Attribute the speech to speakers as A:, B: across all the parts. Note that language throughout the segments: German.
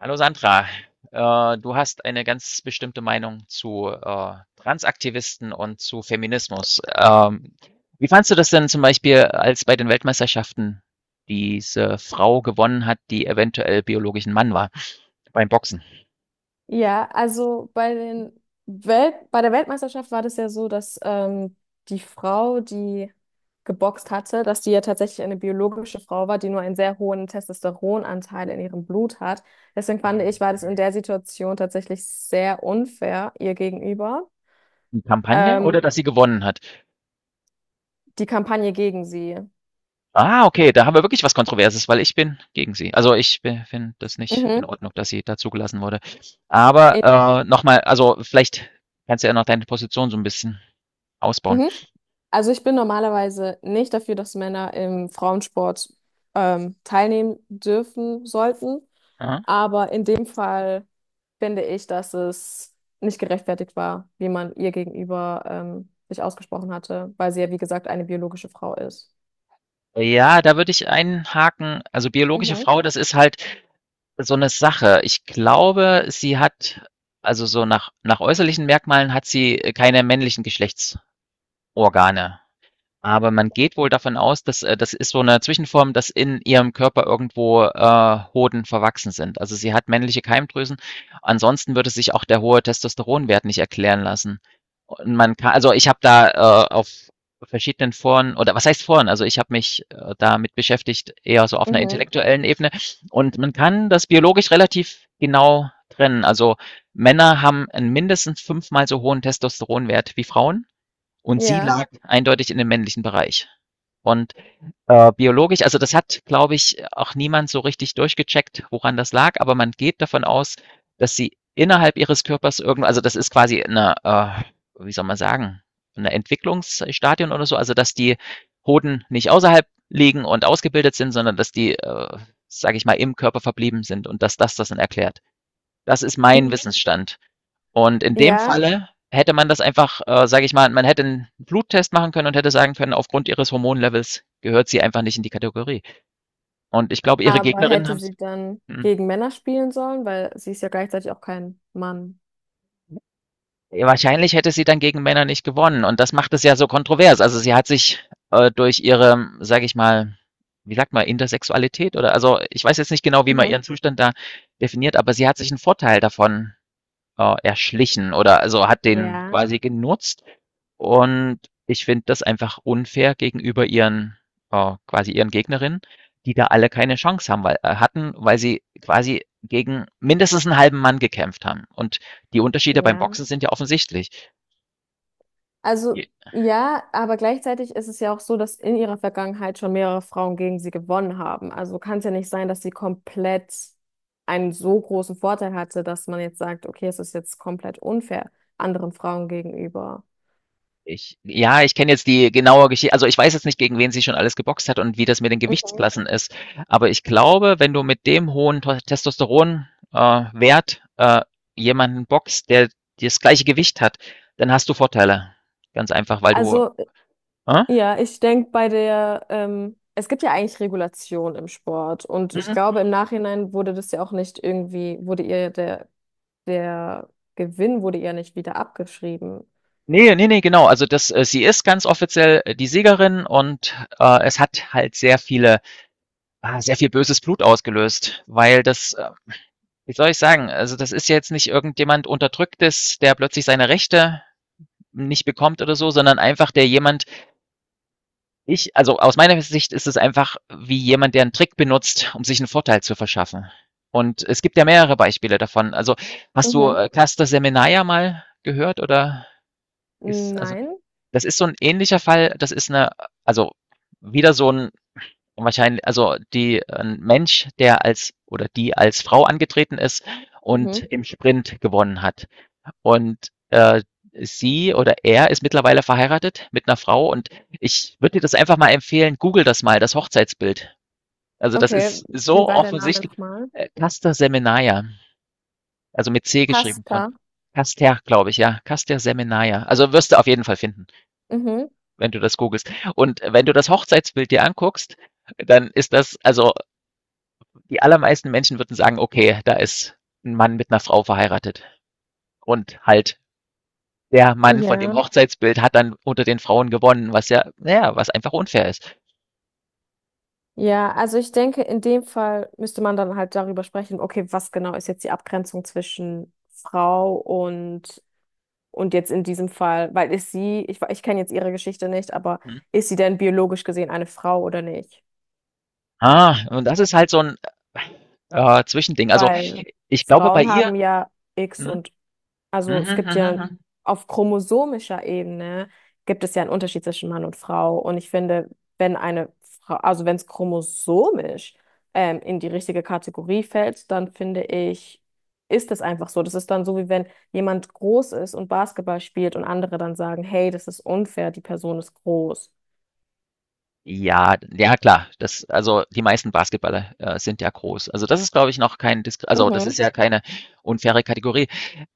A: Hallo Sandra, du hast eine ganz bestimmte Meinung zu Transaktivisten und zu Feminismus. Wie fandst du das denn zum Beispiel, als bei den Weltmeisterschaften diese Frau gewonnen hat, die eventuell biologisch ein Mann war beim Boxen?
B: Ja, also bei den Welt bei der Weltmeisterschaft war das ja so, dass die Frau, die geboxt hatte, dass die ja tatsächlich eine biologische Frau war, die nur einen sehr hohen Testosteronanteil in ihrem Blut hat. Deswegen fand ich, war das in der Situation tatsächlich sehr unfair ihr gegenüber.
A: Die Kampagne
B: Ähm,
A: oder dass sie gewonnen hat?
B: Die Kampagne gegen sie.
A: Ah, okay, da haben wir wirklich was Kontroverses, weil ich bin gegen sie. Also ich finde das nicht in
B: Mhm.
A: Ordnung, dass sie da zugelassen wurde. Aber
B: In,
A: nochmal, also vielleicht kannst du ja noch deine Position so ein bisschen ausbauen.
B: mhm. Also ich bin normalerweise nicht dafür, dass Männer im Frauensport teilnehmen dürfen sollten.
A: Aha.
B: Aber in dem Fall finde ich, dass es nicht gerechtfertigt war, wie man ihr gegenüber sich ausgesprochen hatte, weil sie ja, wie gesagt, eine biologische Frau ist.
A: Ja, da würde ich einhaken. Also, biologische
B: Mhm.
A: Frau, das ist halt so eine Sache. Ich glaube, sie hat also, so nach äußerlichen Merkmalen hat sie keine männlichen Geschlechtsorgane. Aber man geht wohl davon aus, dass das ist so eine Zwischenform, dass in ihrem Körper irgendwo, Hoden verwachsen sind. Also, sie hat männliche Keimdrüsen. Ansonsten würde sich auch der hohe Testosteronwert nicht erklären lassen. Und man ka also, ich habe da, auf verschiedenen Foren oder was heißt Foren? Also, ich habe mich, damit beschäftigt, eher so auf einer
B: Mhm.
A: intellektuellen Ebene. Und man kann das biologisch relativ genau trennen. Also, Männer haben 'n mindestens fünfmal so hohen Testosteronwert wie Frauen. Und sie
B: Ja.
A: lag eindeutig in dem männlichen Bereich. Und biologisch, also das hat, glaube ich, auch niemand so richtig durchgecheckt, woran das lag, aber man geht davon aus, dass sie innerhalb ihres Körpers irgendwo, also das ist quasi eine, wie soll man sagen, eine Entwicklungsstadion oder so, also dass die Hoden nicht außerhalb liegen und ausgebildet sind, sondern dass die, sage ich mal, im Körper verblieben sind und dass das dann erklärt. Das ist mein
B: Mhm.
A: Wissensstand. Und in dem
B: Ja,
A: Falle hätte man das einfach, sage ich mal, man hätte einen Bluttest machen können und hätte sagen können, aufgrund ihres Hormonlevels gehört sie einfach nicht in die Kategorie. Und ich glaube, ihre
B: aber
A: Gegnerinnen haben
B: hätte
A: es.
B: sie dann gegen Männer spielen sollen, weil sie ist ja gleichzeitig auch kein Mann.
A: Wahrscheinlich hätte sie dann gegen Männer nicht gewonnen. Und das macht es ja so kontrovers. Also sie hat sich durch ihre, sage ich mal, wie sagt man, Intersexualität oder also ich weiß jetzt nicht genau, wie man ihren
B: Mhm.
A: Zustand da definiert, aber sie hat sich einen Vorteil davon erschlichen oder also hat den
B: Ja,
A: quasi genutzt. Und ich finde das einfach unfair gegenüber ihren quasi ihren Gegnerinnen, die da alle keine Chance haben, weil sie quasi gegen mindestens einen halben Mann gekämpft haben. Und die Unterschiede beim
B: ja.
A: Boxen sind ja offensichtlich.
B: Also ja, aber gleichzeitig ist es ja auch so, dass in ihrer Vergangenheit schon mehrere Frauen gegen sie gewonnen haben. Also kann es ja nicht sein, dass sie komplett einen so großen Vorteil hatte, dass man jetzt sagt, okay, es ist jetzt komplett unfair anderen Frauen gegenüber.
A: Ich kenne jetzt die genaue Geschichte. Also, ich weiß jetzt nicht, gegen wen sie schon alles geboxt hat und wie das mit den
B: Mhm.
A: Gewichtsklassen ist. Aber ich glaube, wenn du mit dem hohen Tos Testosteron äh, Wert, jemanden boxt, der das gleiche Gewicht hat, dann hast du Vorteile. Ganz einfach, weil du
B: Also
A: äh?
B: ja, ich denke bei der, es gibt ja eigentlich Regulation im Sport und ich
A: Mhm.
B: glaube im Nachhinein wurde das ja auch nicht irgendwie, wurde ihr der Gewinn wurde ihr nicht wieder abgeschrieben.
A: Ne, ne, ne, genau. Also, das sie ist ganz offiziell die Siegerin und, es hat halt sehr viele sehr viel böses Blut ausgelöst, wie soll ich sagen? Also, das ist ja jetzt nicht irgendjemand Unterdrücktes, der plötzlich seine Rechte nicht bekommt oder so, sondern einfach der jemand, also aus meiner Sicht ist es einfach wie jemand, der einen Trick benutzt, um sich einen Vorteil zu verschaffen. Und es gibt ja mehrere Beispiele davon. Also, hast du
B: Mhm.
A: Cluster mal gehört oder ist, also,
B: Nein.
A: das ist so ein ähnlicher Fall. Das ist eine, also, wieder so ein wahrscheinlich, also die ein Mensch, der als oder die als Frau angetreten ist und
B: Mhm.
A: im Sprint gewonnen hat. Und, sie oder er ist mittlerweile verheiratet mit einer Frau und ich würde dir das einfach mal empfehlen, google das mal, das Hochzeitsbild. Also, das
B: Okay,
A: ist
B: wie
A: so
B: war der Name
A: offensichtlich.
B: nochmal?
A: Caster Semenya, also mit C geschrieben von
B: Pasta.
A: Caster, glaube ich, ja. Caster Semenya. Also, wirst du auf jeden Fall finden,
B: Mhm.
A: wenn du das googelst. Und wenn du das Hochzeitsbild dir anguckst, dann ist das also, die allermeisten Menschen würden sagen: „Okay, da ist ein Mann mit einer Frau verheiratet und halt der Mann von
B: Ja,
A: dem Hochzeitsbild hat dann unter den Frauen gewonnen, was ja naja, was einfach unfair ist.
B: ja, also ich denke, in dem Fall müsste man dann halt darüber sprechen, okay, was genau ist jetzt die Abgrenzung zwischen Frau und und jetzt in diesem Fall, weil ist sie, ich kenne jetzt ihre Geschichte nicht, aber
A: Mhm.
B: ist sie denn biologisch gesehen eine Frau oder nicht?
A: Ah, und das ist halt so ein Zwischending. Also,
B: Weil
A: ich glaube bei
B: Frauen
A: ihr
B: haben ja X
A: hm,
B: und
A: mhm. Mhm,
B: also es gibt
A: mhm,
B: ja
A: mhm.
B: auf chromosomischer Ebene gibt es ja einen Unterschied zwischen Mann und Frau. Und ich finde, wenn eine Frau, also wenn es chromosomisch in die richtige Kategorie fällt, dann finde ich, ist es einfach so. Das ist dann so, wie wenn jemand groß ist und Basketball spielt und andere dann sagen, hey, das ist unfair, die Person ist groß.
A: Ja, ja klar. Das also, die meisten Basketballer, sind ja groß. Also, das ist, glaube ich, noch kein Disk also, das ist
B: Mhm,
A: ja keine unfaire Kategorie.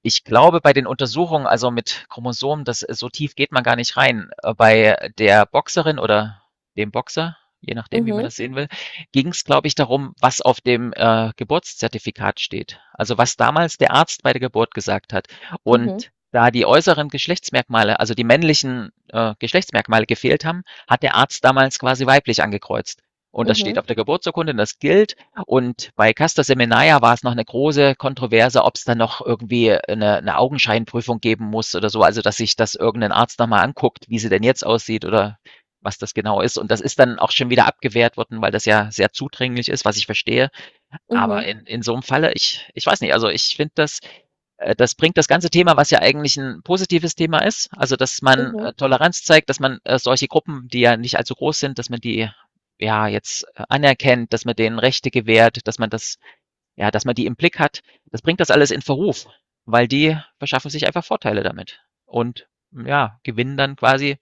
A: Ich glaube, bei den Untersuchungen, also, mit Chromosomen, das so tief geht man gar nicht rein. Bei der Boxerin oder dem Boxer, je nachdem, wie man
B: mhm,
A: das sehen will, ging es, glaube ich, darum, was auf dem, Geburtszertifikat steht. Also, was damals der Arzt bei der Geburt gesagt hat.
B: mhm,
A: Und da die äußeren Geschlechtsmerkmale, also, die männlichen, Geschlechtsmerkmale gefehlt haben, hat der Arzt damals quasi weiblich angekreuzt. Und das steht
B: mhm,
A: auf der Geburtsurkunde, und das gilt. Und bei Castor Seminaia war es noch eine große Kontroverse, ob es dann noch irgendwie eine Augenscheinprüfung geben muss oder so. Also, dass sich das irgendein Arzt nochmal anguckt, wie sie denn jetzt aussieht oder was das genau ist. Und das ist dann auch schon wieder abgewehrt worden, weil das ja sehr zudringlich ist, was ich verstehe.
B: mhm,
A: Aber
B: mhm,
A: in so einem Falle ich ich weiß nicht, also, ich finde das das bringt das ganze Thema, was ja eigentlich ein positives Thema ist, also, dass man,
B: mhm.
A: Toleranz zeigt, dass man, solche Gruppen, die ja nicht allzu groß sind, dass man die, ja, jetzt, anerkennt, dass man denen Rechte gewährt, dass man das ja, dass man die im Blick hat. Das bringt das alles in Verruf, weil die verschaffen sich einfach Vorteile damit und, ja, gewinnen dann quasi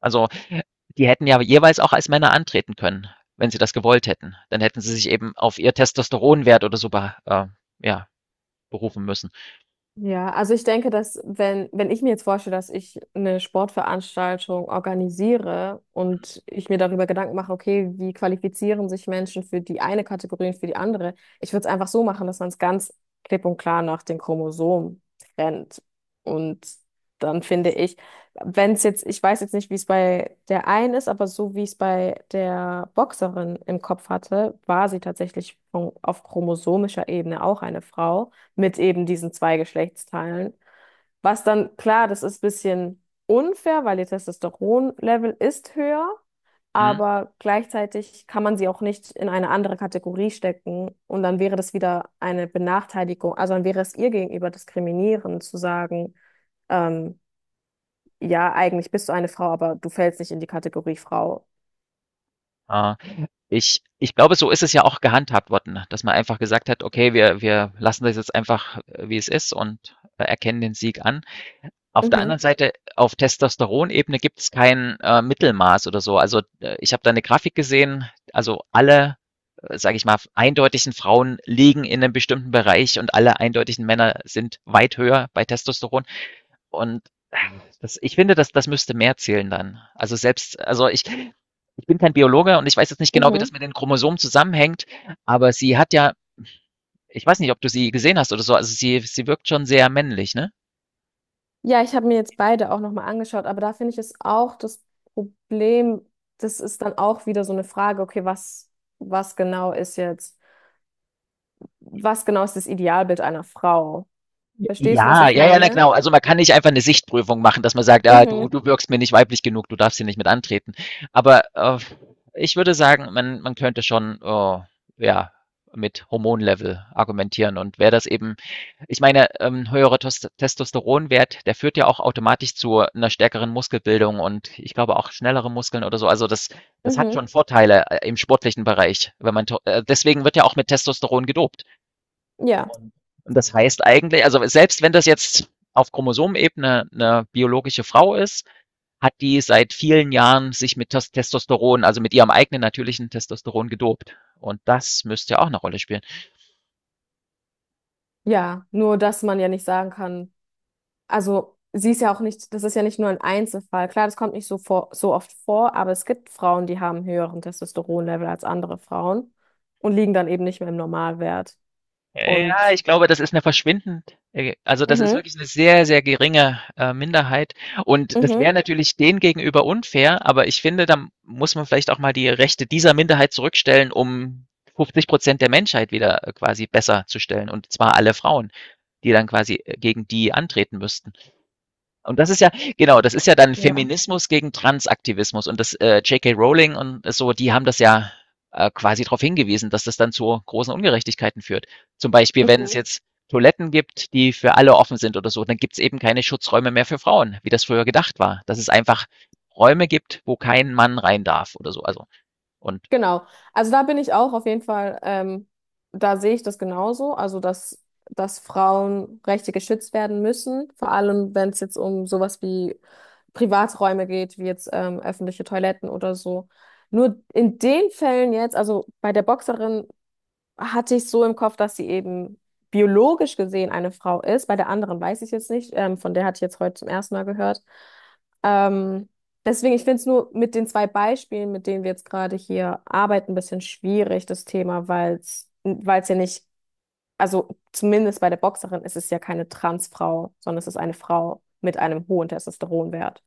A: also die hätten ja jeweils auch als Männer antreten können, wenn sie das gewollt hätten. Dann hätten sie sich eben auf ihr Testosteronwert oder so be ja, berufen müssen.
B: Ja, also ich denke, dass wenn, wenn ich mir jetzt vorstelle, dass ich eine Sportveranstaltung organisiere und ich mir darüber Gedanken mache, okay, wie qualifizieren sich Menschen für die eine Kategorie und für die andere, ich würde es einfach so machen, dass man es ganz klipp und klar nach den Chromosomen trennt. Und dann finde ich, wenn es jetzt, ich weiß jetzt nicht, wie es bei der einen ist, aber so wie ich es bei der Boxerin im Kopf hatte, war sie tatsächlich von, auf chromosomischer Ebene auch eine Frau mit eben diesen zwei Geschlechtsteilen. Was dann, klar, das ist ein bisschen unfair, weil ihr Testosteronlevel ist höher,
A: Mhm.
B: aber gleichzeitig kann man sie auch nicht in eine andere Kategorie stecken und dann wäre das wieder eine Benachteiligung, also dann wäre es ihr gegenüber diskriminierend zu sagen, ähm, ja, eigentlich bist du eine Frau, aber du fällst nicht in die Kategorie Frau.
A: Äh, ich, ich glaube, so ist es ja auch gehandhabt worden, dass man einfach gesagt hat, okay, wir lassen das jetzt einfach, wie es ist und erkennen den Sieg an. Auf der anderen
B: Mhm.
A: Seite, auf Testosteronebene gibt es kein, Mittelmaß oder so. Also, ich habe da eine Grafik gesehen, also alle, sage ich mal, eindeutigen Frauen liegen in einem bestimmten Bereich und alle eindeutigen Männer sind weit höher bei Testosteron. Und äh, das ich finde, das müsste mehr zählen dann. Also selbst also ich ich bin kein Biologe und ich weiß jetzt nicht genau, wie das
B: Mhm.
A: mit den Chromosomen zusammenhängt, aber sie hat ja ich weiß nicht, ob du sie gesehen hast oder so, also sie wirkt schon sehr männlich, ne?
B: Ja, ich habe mir jetzt beide auch nochmal angeschaut, aber da finde ich es auch das Problem, das ist dann auch wieder so eine Frage, okay, was genau ist jetzt, was genau ist das Idealbild einer Frau? Verstehst du, was
A: Ja,
B: ich
A: ja, ja, na
B: meine?
A: genau. Also man kann nicht einfach eine Sichtprüfung machen, dass man sagt, ah,
B: Mhm,
A: du wirkst mir nicht weiblich genug, du darfst hier nicht mit antreten. Aber ich würde sagen, man könnte schon oh, ja, mit Hormonlevel argumentieren. Und wer das eben, ich meine, höherer Testosteronwert, der führt ja auch automatisch zu einer stärkeren Muskelbildung und ich glaube auch schnellere Muskeln oder so. Also das, das hat
B: mhm,
A: schon Vorteile im sportlichen Bereich, wenn man deswegen wird ja auch mit Testosteron gedopt.
B: ja,
A: Und, und das heißt eigentlich, also selbst wenn das jetzt auf Chromosomenebene eine biologische Frau ist, hat die seit vielen Jahren sich mit Testosteron, also mit ihrem eigenen natürlichen Testosteron gedopt. Und das müsste ja auch eine Rolle spielen.
B: ja, nur dass man ja nicht sagen kann, also sie ist ja auch nicht, das ist ja nicht nur ein Einzelfall. Klar, das kommt nicht so vor, so oft vor, aber es gibt Frauen, die haben höheren Testosteronlevel als andere Frauen und liegen dann eben nicht mehr im Normalwert.
A: Ja,
B: Und
A: ich glaube, das ist eine verschwindend, also das ist
B: mhm,
A: wirklich eine sehr, sehr geringe Minderheit. Und das wäre
B: mhm.
A: natürlich denen gegenüber unfair, aber ich finde, da muss man vielleicht auch mal die Rechte dieser Minderheit zurückstellen, um 50% der Menschheit wieder quasi besser zu stellen, und zwar alle Frauen, die dann quasi gegen die antreten müssten. Und das ist ja, genau, das ist ja dann
B: Ja.
A: Feminismus gegen Transaktivismus. Und das J.K. Rowling und so, die haben das ja quasi darauf hingewiesen, dass das dann zu großen Ungerechtigkeiten führt. Zum Beispiel, wenn es
B: Mhm.
A: jetzt Toiletten gibt, die für alle offen sind oder so, dann gibt es eben keine Schutzräume mehr für Frauen, wie das früher gedacht war. Dass es einfach Räume gibt, wo kein Mann rein darf oder so. Also, und
B: Genau. Also da bin ich auch auf jeden Fall, da sehe ich das genauso. Also dass Frauenrechte geschützt werden müssen, vor allem wenn es jetzt um sowas wie Privaträume geht, wie jetzt öffentliche Toiletten oder so. Nur in den Fällen jetzt, also bei der Boxerin hatte ich so im Kopf, dass sie eben biologisch gesehen eine Frau ist. Bei der anderen weiß ich jetzt nicht. Von der hatte ich jetzt heute zum ersten Mal gehört. Ähm, Deswegen, ich finde es nur mit den 2 Beispielen, mit denen wir jetzt gerade hier arbeiten, ein bisschen schwierig, das Thema, weil es ja nicht, also zumindest bei der Boxerin ist es ja keine Transfrau, sondern es ist eine Frau mit einem hohen Testosteronwert.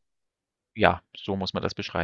A: ja, so muss man das beschreiben.